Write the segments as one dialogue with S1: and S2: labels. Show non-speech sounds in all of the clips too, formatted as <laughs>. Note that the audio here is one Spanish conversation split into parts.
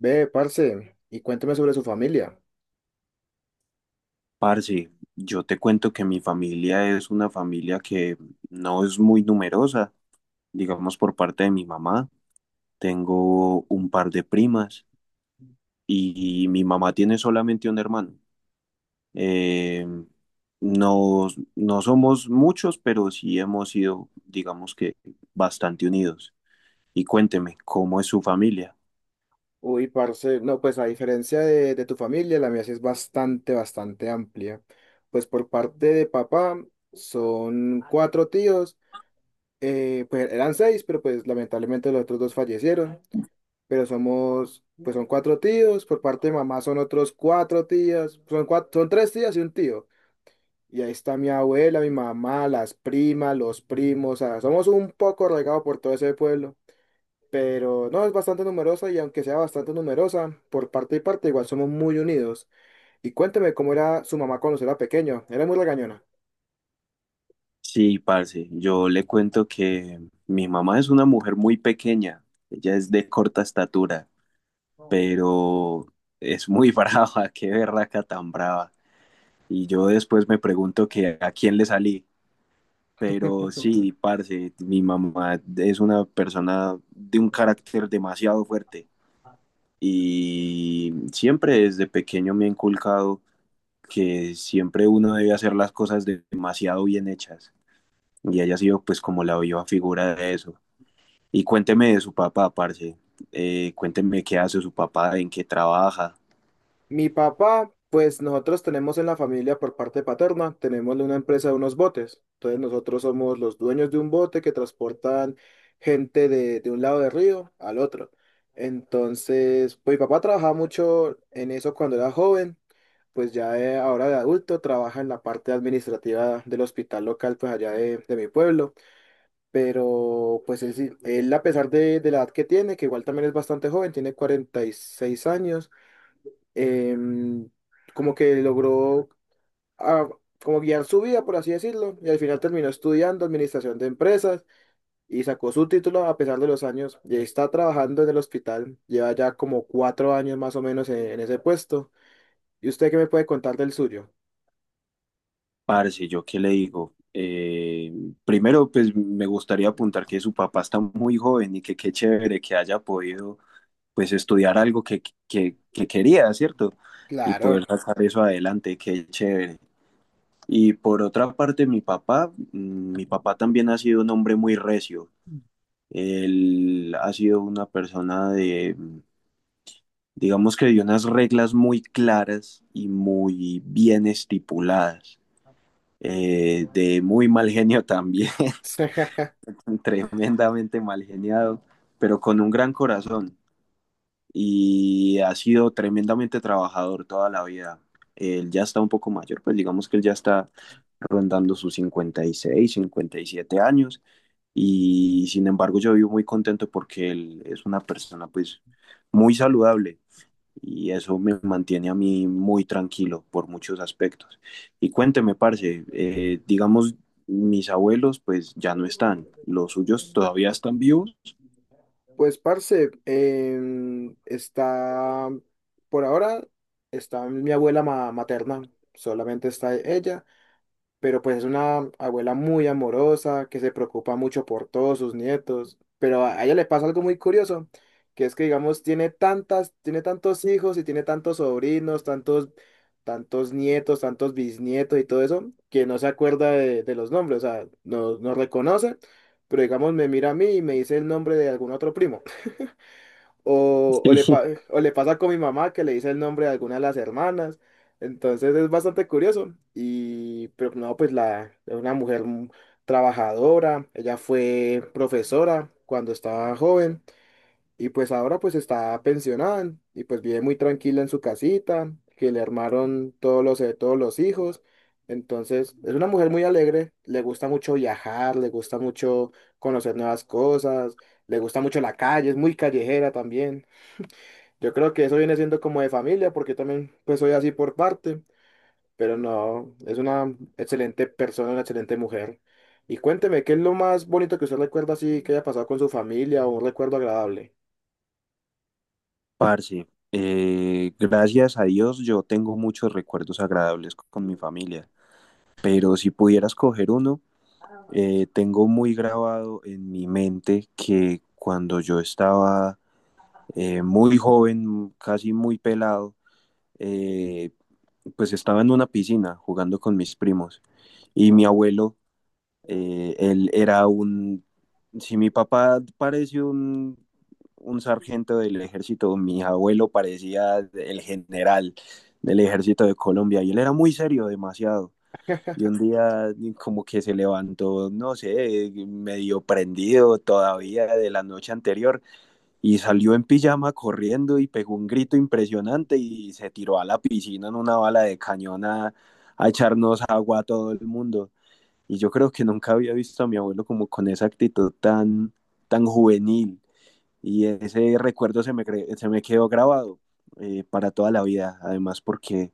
S1: Ve, parce, y cuéntame sobre su familia.
S2: Parce, yo te cuento que mi familia es una familia que no es muy numerosa, digamos por parte de mi mamá. Tengo un par de primas y mi mamá tiene solamente un hermano. Eh, no, no somos muchos, pero sí hemos sido, digamos que, bastante unidos. Y cuénteme, ¿cómo es su familia?
S1: Uy, parce, no, pues a diferencia de tu familia, la mía sí es bastante, bastante amplia. Pues por parte de papá son cuatro tíos, pues eran seis, pero pues lamentablemente los otros dos fallecieron. Pero somos, pues son cuatro tíos, por parte de mamá son otros cuatro tías, son tres tías y un tío. Y ahí está mi abuela, mi mamá, las primas, los primos, o sea, somos un poco regados por todo ese pueblo. Pero no, es bastante numerosa y aunque sea bastante numerosa, por parte y parte igual somos muy unidos. Y cuénteme cómo era su mamá cuando usted era pequeño, era muy regañona.
S2: Sí, parce, yo le cuento que mi mamá es una mujer muy pequeña, ella es de corta estatura, pero es muy <laughs> brava, qué berraca tan brava. Y yo después me pregunto que a quién le salí. Pero sí, parce, mi mamá es una persona de un carácter demasiado fuerte y siempre desde pequeño me ha inculcado que siempre uno debe hacer las cosas demasiado bien hechas, y ella ha sido pues como la viva figura de eso. Y cuénteme de su papá, parce. Cuénteme qué hace su papá, en qué trabaja.
S1: Mi papá, pues nosotros tenemos en la familia por parte paterna, tenemos una empresa de unos botes. Entonces nosotros somos los dueños de un bote que transportan gente de un lado del río al otro. Entonces, pues mi papá trabajaba mucho en eso cuando era joven, pues ahora de adulto trabaja en la parte administrativa del hospital local, pues allá de mi pueblo, pero pues él a pesar de la edad que tiene, que igual también es bastante joven, tiene 46 años, em, como que logró, ah, como guiar su vida, por así decirlo, y al final terminó estudiando administración de empresas y sacó su título a pesar de los años, y ahí está trabajando en el hospital, lleva ya como 4 años más o menos en ese puesto. ¿Y usted qué me puede contar del suyo?
S2: Parce, ¿yo qué le digo? Primero, pues me gustaría apuntar que su papá está muy joven y que qué chévere que haya podido pues estudiar algo que quería, ¿cierto? Y poder
S1: Claro.
S2: sacar eso adelante, qué chévere. Y por otra parte, mi papá, mi papá también ha sido un hombre muy recio. Él ha sido una persona de, digamos que de unas reglas muy claras y muy bien estipuladas, de muy mal genio también,
S1: <laughs>
S2: <laughs> tremendamente mal geniado, pero con un gran corazón, y ha sido tremendamente trabajador toda la vida. Él ya está un poco mayor, pues digamos que él ya está rondando sus 50, 56, 57 años, y sin embargo yo vivo muy contento porque él es una persona pues muy saludable, y eso me mantiene a mí muy tranquilo por muchos aspectos. Y cuénteme, parce, digamos, mis abuelos pues ya no están, los suyos todavía están vivos.
S1: Pues, parce, está, por ahora, está mi abuela materna, solamente está ella. Pero pues es una abuela muy amorosa, que se preocupa mucho por todos sus nietos, pero a ella le pasa algo muy curioso, que es que digamos tiene tantas, tiene tantos hijos y tiene tantos sobrinos, tantos, tantos nietos, tantos bisnietos y todo eso, que no se acuerda de los nombres, o sea, no, no reconoce, pero digamos me mira a mí y me dice el nombre de algún otro primo. O, o le,
S2: Sí.
S1: pa-
S2: <laughs>
S1: o le pasa con mi mamá que le dice el nombre de alguna de las hermanas. Entonces es bastante curioso. Y, pero no, pues la, es una mujer trabajadora. Ella fue profesora cuando estaba joven. Y pues ahora pues está pensionada. Y pues vive muy tranquila en su casita, que le armaron todos los hijos. Entonces es una mujer muy alegre. Le gusta mucho viajar, le gusta mucho conocer nuevas cosas. Le gusta mucho la calle, es muy callejera también. Yo creo que eso viene siendo como de familia, porque yo también pues soy así por parte, pero no, es una excelente persona, una excelente mujer. Y cuénteme, ¿qué es lo más bonito que usted recuerda así que haya pasado con su familia o un recuerdo agradable?
S2: Parce, gracias a Dios yo tengo muchos recuerdos agradables con mi familia, pero si pudiera escoger uno, tengo muy grabado en mi mente que cuando yo estaba muy joven, casi muy pelado, eh, pues estaba en una piscina jugando con mis primos y mi abuelo. eh, él era un, si mi papá parece un sargento del ejército, mi abuelo parecía el general del ejército de Colombia, y él era muy serio, demasiado. Y un día como que se levantó, no sé, medio prendido todavía de la noche anterior, y salió en pijama corriendo y pegó un grito impresionante y se tiró a la piscina en una bala de cañón a echarnos agua a todo el mundo. Y yo creo que nunca había visto a mi abuelo como con esa actitud tan, tan juvenil. Y ese recuerdo se me quedó grabado para toda la vida. Además porque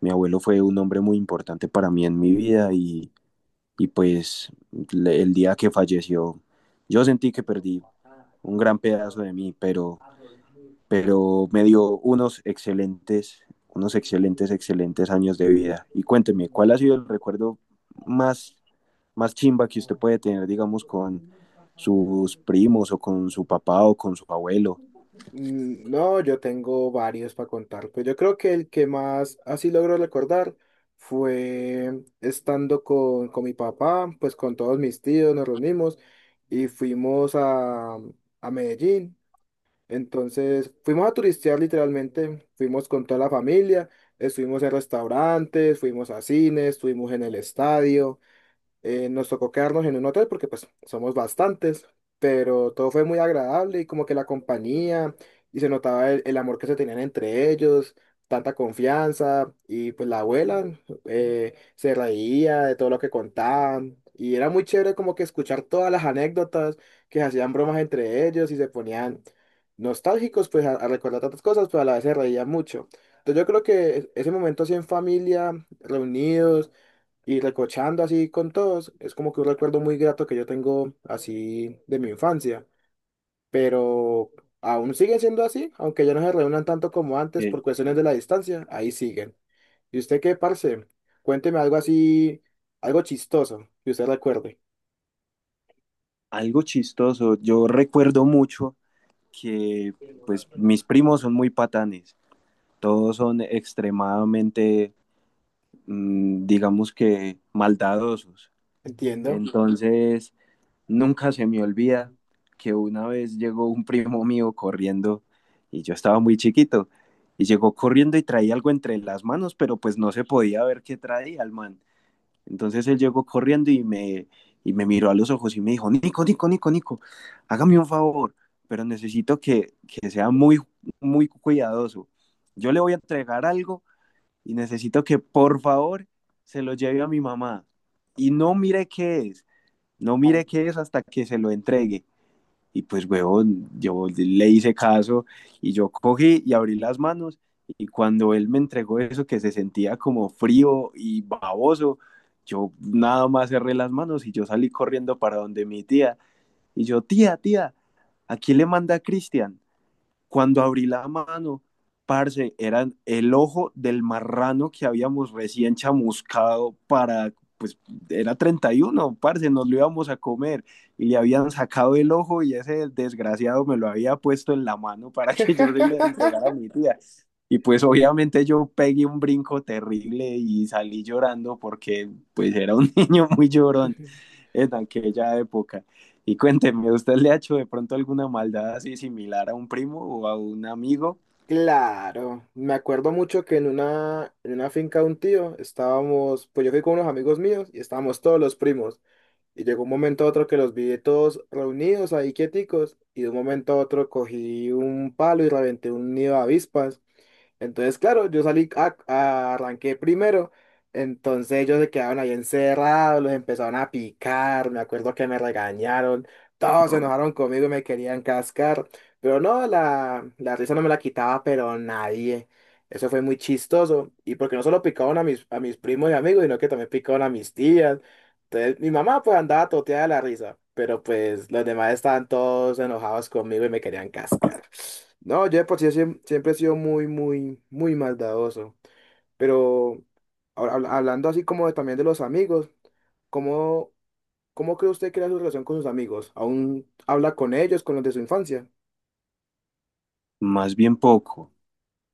S2: mi abuelo fue un hombre muy importante para mí en mi vida, y pues el día que falleció, yo sentí que perdí un gran pedazo de mí, pero me dio unos excelentes, excelentes años de vida. Y cuénteme, ¿cuál ha sido el recuerdo más, más chimba que usted puede tener, digamos, con sus primos o con su papá o con su abuelo?
S1: Mm, no, yo tengo varios para contar, pues yo creo que el que más así logro recordar fue estando con mi papá, pues con todos mis tíos nos reunimos y fuimos a Medellín. Entonces fuimos a turistear literalmente, fuimos con toda la familia, estuvimos en restaurantes, fuimos a cines, estuvimos en el estadio, nos tocó quedarnos en un hotel porque pues somos bastantes, pero todo fue muy agradable y como que la compañía y se notaba el amor que se tenían entre ellos, tanta confianza y pues la abuela, se reía de todo lo que contaban y era muy chévere como que escuchar todas las anécdotas, que se hacían bromas entre ellos y se ponían nostálgicos pues a recordar tantas cosas, pero a la vez se reían mucho. Entonces yo creo que ese momento así en familia, reunidos, y recochando así con todos, es como que un recuerdo muy grato que yo tengo así de mi infancia, pero aún sigue siendo así, aunque ya no se reúnan tanto como antes
S2: Eh,
S1: por cuestiones de la distancia, ahí siguen. ¿Y usted qué, parce? Cuénteme algo así, algo chistoso que usted recuerde.
S2: Algo chistoso, yo recuerdo mucho que pues mis primos son muy patanes, todos son extremadamente, digamos que, maldadosos.
S1: Entiendo.
S2: Entonces, nunca se me olvida que una vez llegó un primo mío corriendo y yo estaba muy chiquito, y llegó corriendo y traía algo entre las manos, pero pues no se podía ver qué traía el man. Entonces él llegó corriendo y me miró a los ojos y me dijo: Nico, Nico, Nico, Nico, hágame un favor, pero necesito que sea muy, muy cuidadoso. Yo le voy a entregar algo y necesito que por favor se lo lleve a mi mamá. Y no mire qué es, no
S1: Ah.
S2: mire qué es hasta que se lo entregue. Y pues, huevón, yo le hice caso, y yo cogí y abrí las manos, y cuando él me entregó eso que se sentía como frío y baboso, yo nada más cerré las manos y yo salí corriendo para donde mi tía. Y yo: tía, tía, ¿a quién le manda a Cristian? Cuando abrí la mano, parce, eran el ojo del marrano que habíamos recién chamuscado pues era 31, parce, nos lo íbamos a comer, y le habían sacado el ojo, y ese desgraciado me lo había puesto en la mano para que yo se lo
S1: <laughs>
S2: entregara a mi tía. Y pues obviamente yo pegué un brinco terrible y salí llorando porque pues era un <laughs> niño muy llorón en aquella época. Y cuénteme, ¿usted le ha hecho de pronto alguna maldad así similar a un primo o a un amigo?
S1: Claro, me acuerdo mucho que en una finca de un tío estábamos, pues yo fui con unos amigos míos y estábamos todos los primos. Y llegó un momento a otro que los vi todos reunidos ahí quieticos y de un momento a otro cogí un palo y reventé un nido de avispas. Entonces, claro, yo salí, arranqué primero. Entonces ellos se quedaron ahí encerrados, los empezaron a picar, me acuerdo que me regañaron, todos se enojaron conmigo y me querían cascar, pero no, la risa no me la quitaba, pero nadie. Eso fue muy chistoso, y porque no solo picaban a mis primos y amigos, sino que también picaban a mis tías. Entonces, mi mamá pues andaba toteada de la risa, pero pues los demás estaban todos enojados conmigo y me querían cascar. No, yo de por sí siempre he sido muy, muy, muy maldadoso. Pero ahora hablando así como también de los amigos, ¿cómo, cómo cree usted que era su relación con sus amigos? ¿Aún habla con ellos, con los de su infancia?
S2: Más bien poco.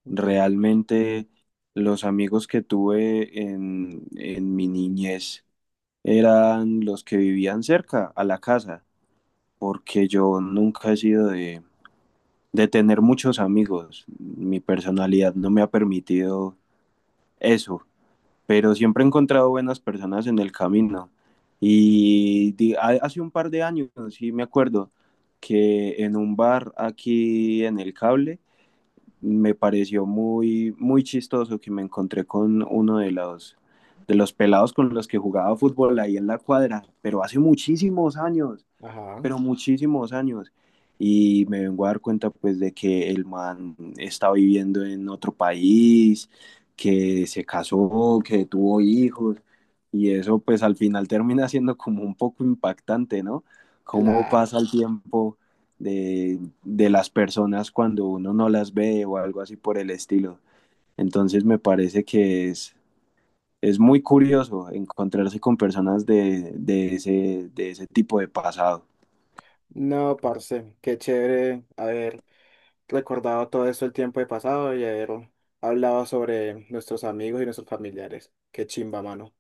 S1: Entiendo.
S2: Realmente los amigos que tuve en mi niñez eran los que vivían cerca a la casa, porque yo nunca he sido de tener muchos amigos. Mi personalidad no me ha permitido eso. Pero siempre he encontrado buenas personas en el camino. Y hace un par de años, sí me acuerdo, que en un bar aquí en el cable me pareció muy, muy chistoso que me encontré con uno de los pelados con los que jugaba fútbol ahí en la cuadra, pero hace muchísimos años,
S1: Ajá,
S2: pero muchísimos años. Y me vengo a dar cuenta pues de que el man está viviendo en otro país, que se casó, que tuvo hijos. Y eso pues al final termina siendo como un poco impactante, ¿no? Cómo
S1: claro.
S2: pasa el tiempo de las personas cuando uno no las ve o algo así por el estilo. Entonces me parece que es muy curioso encontrarse con personas de ese tipo de pasado.
S1: No, parce, qué chévere haber recordado todo esto el tiempo de pasado y haber hablado sobre nuestros amigos y nuestros familiares. Qué chimba, mano.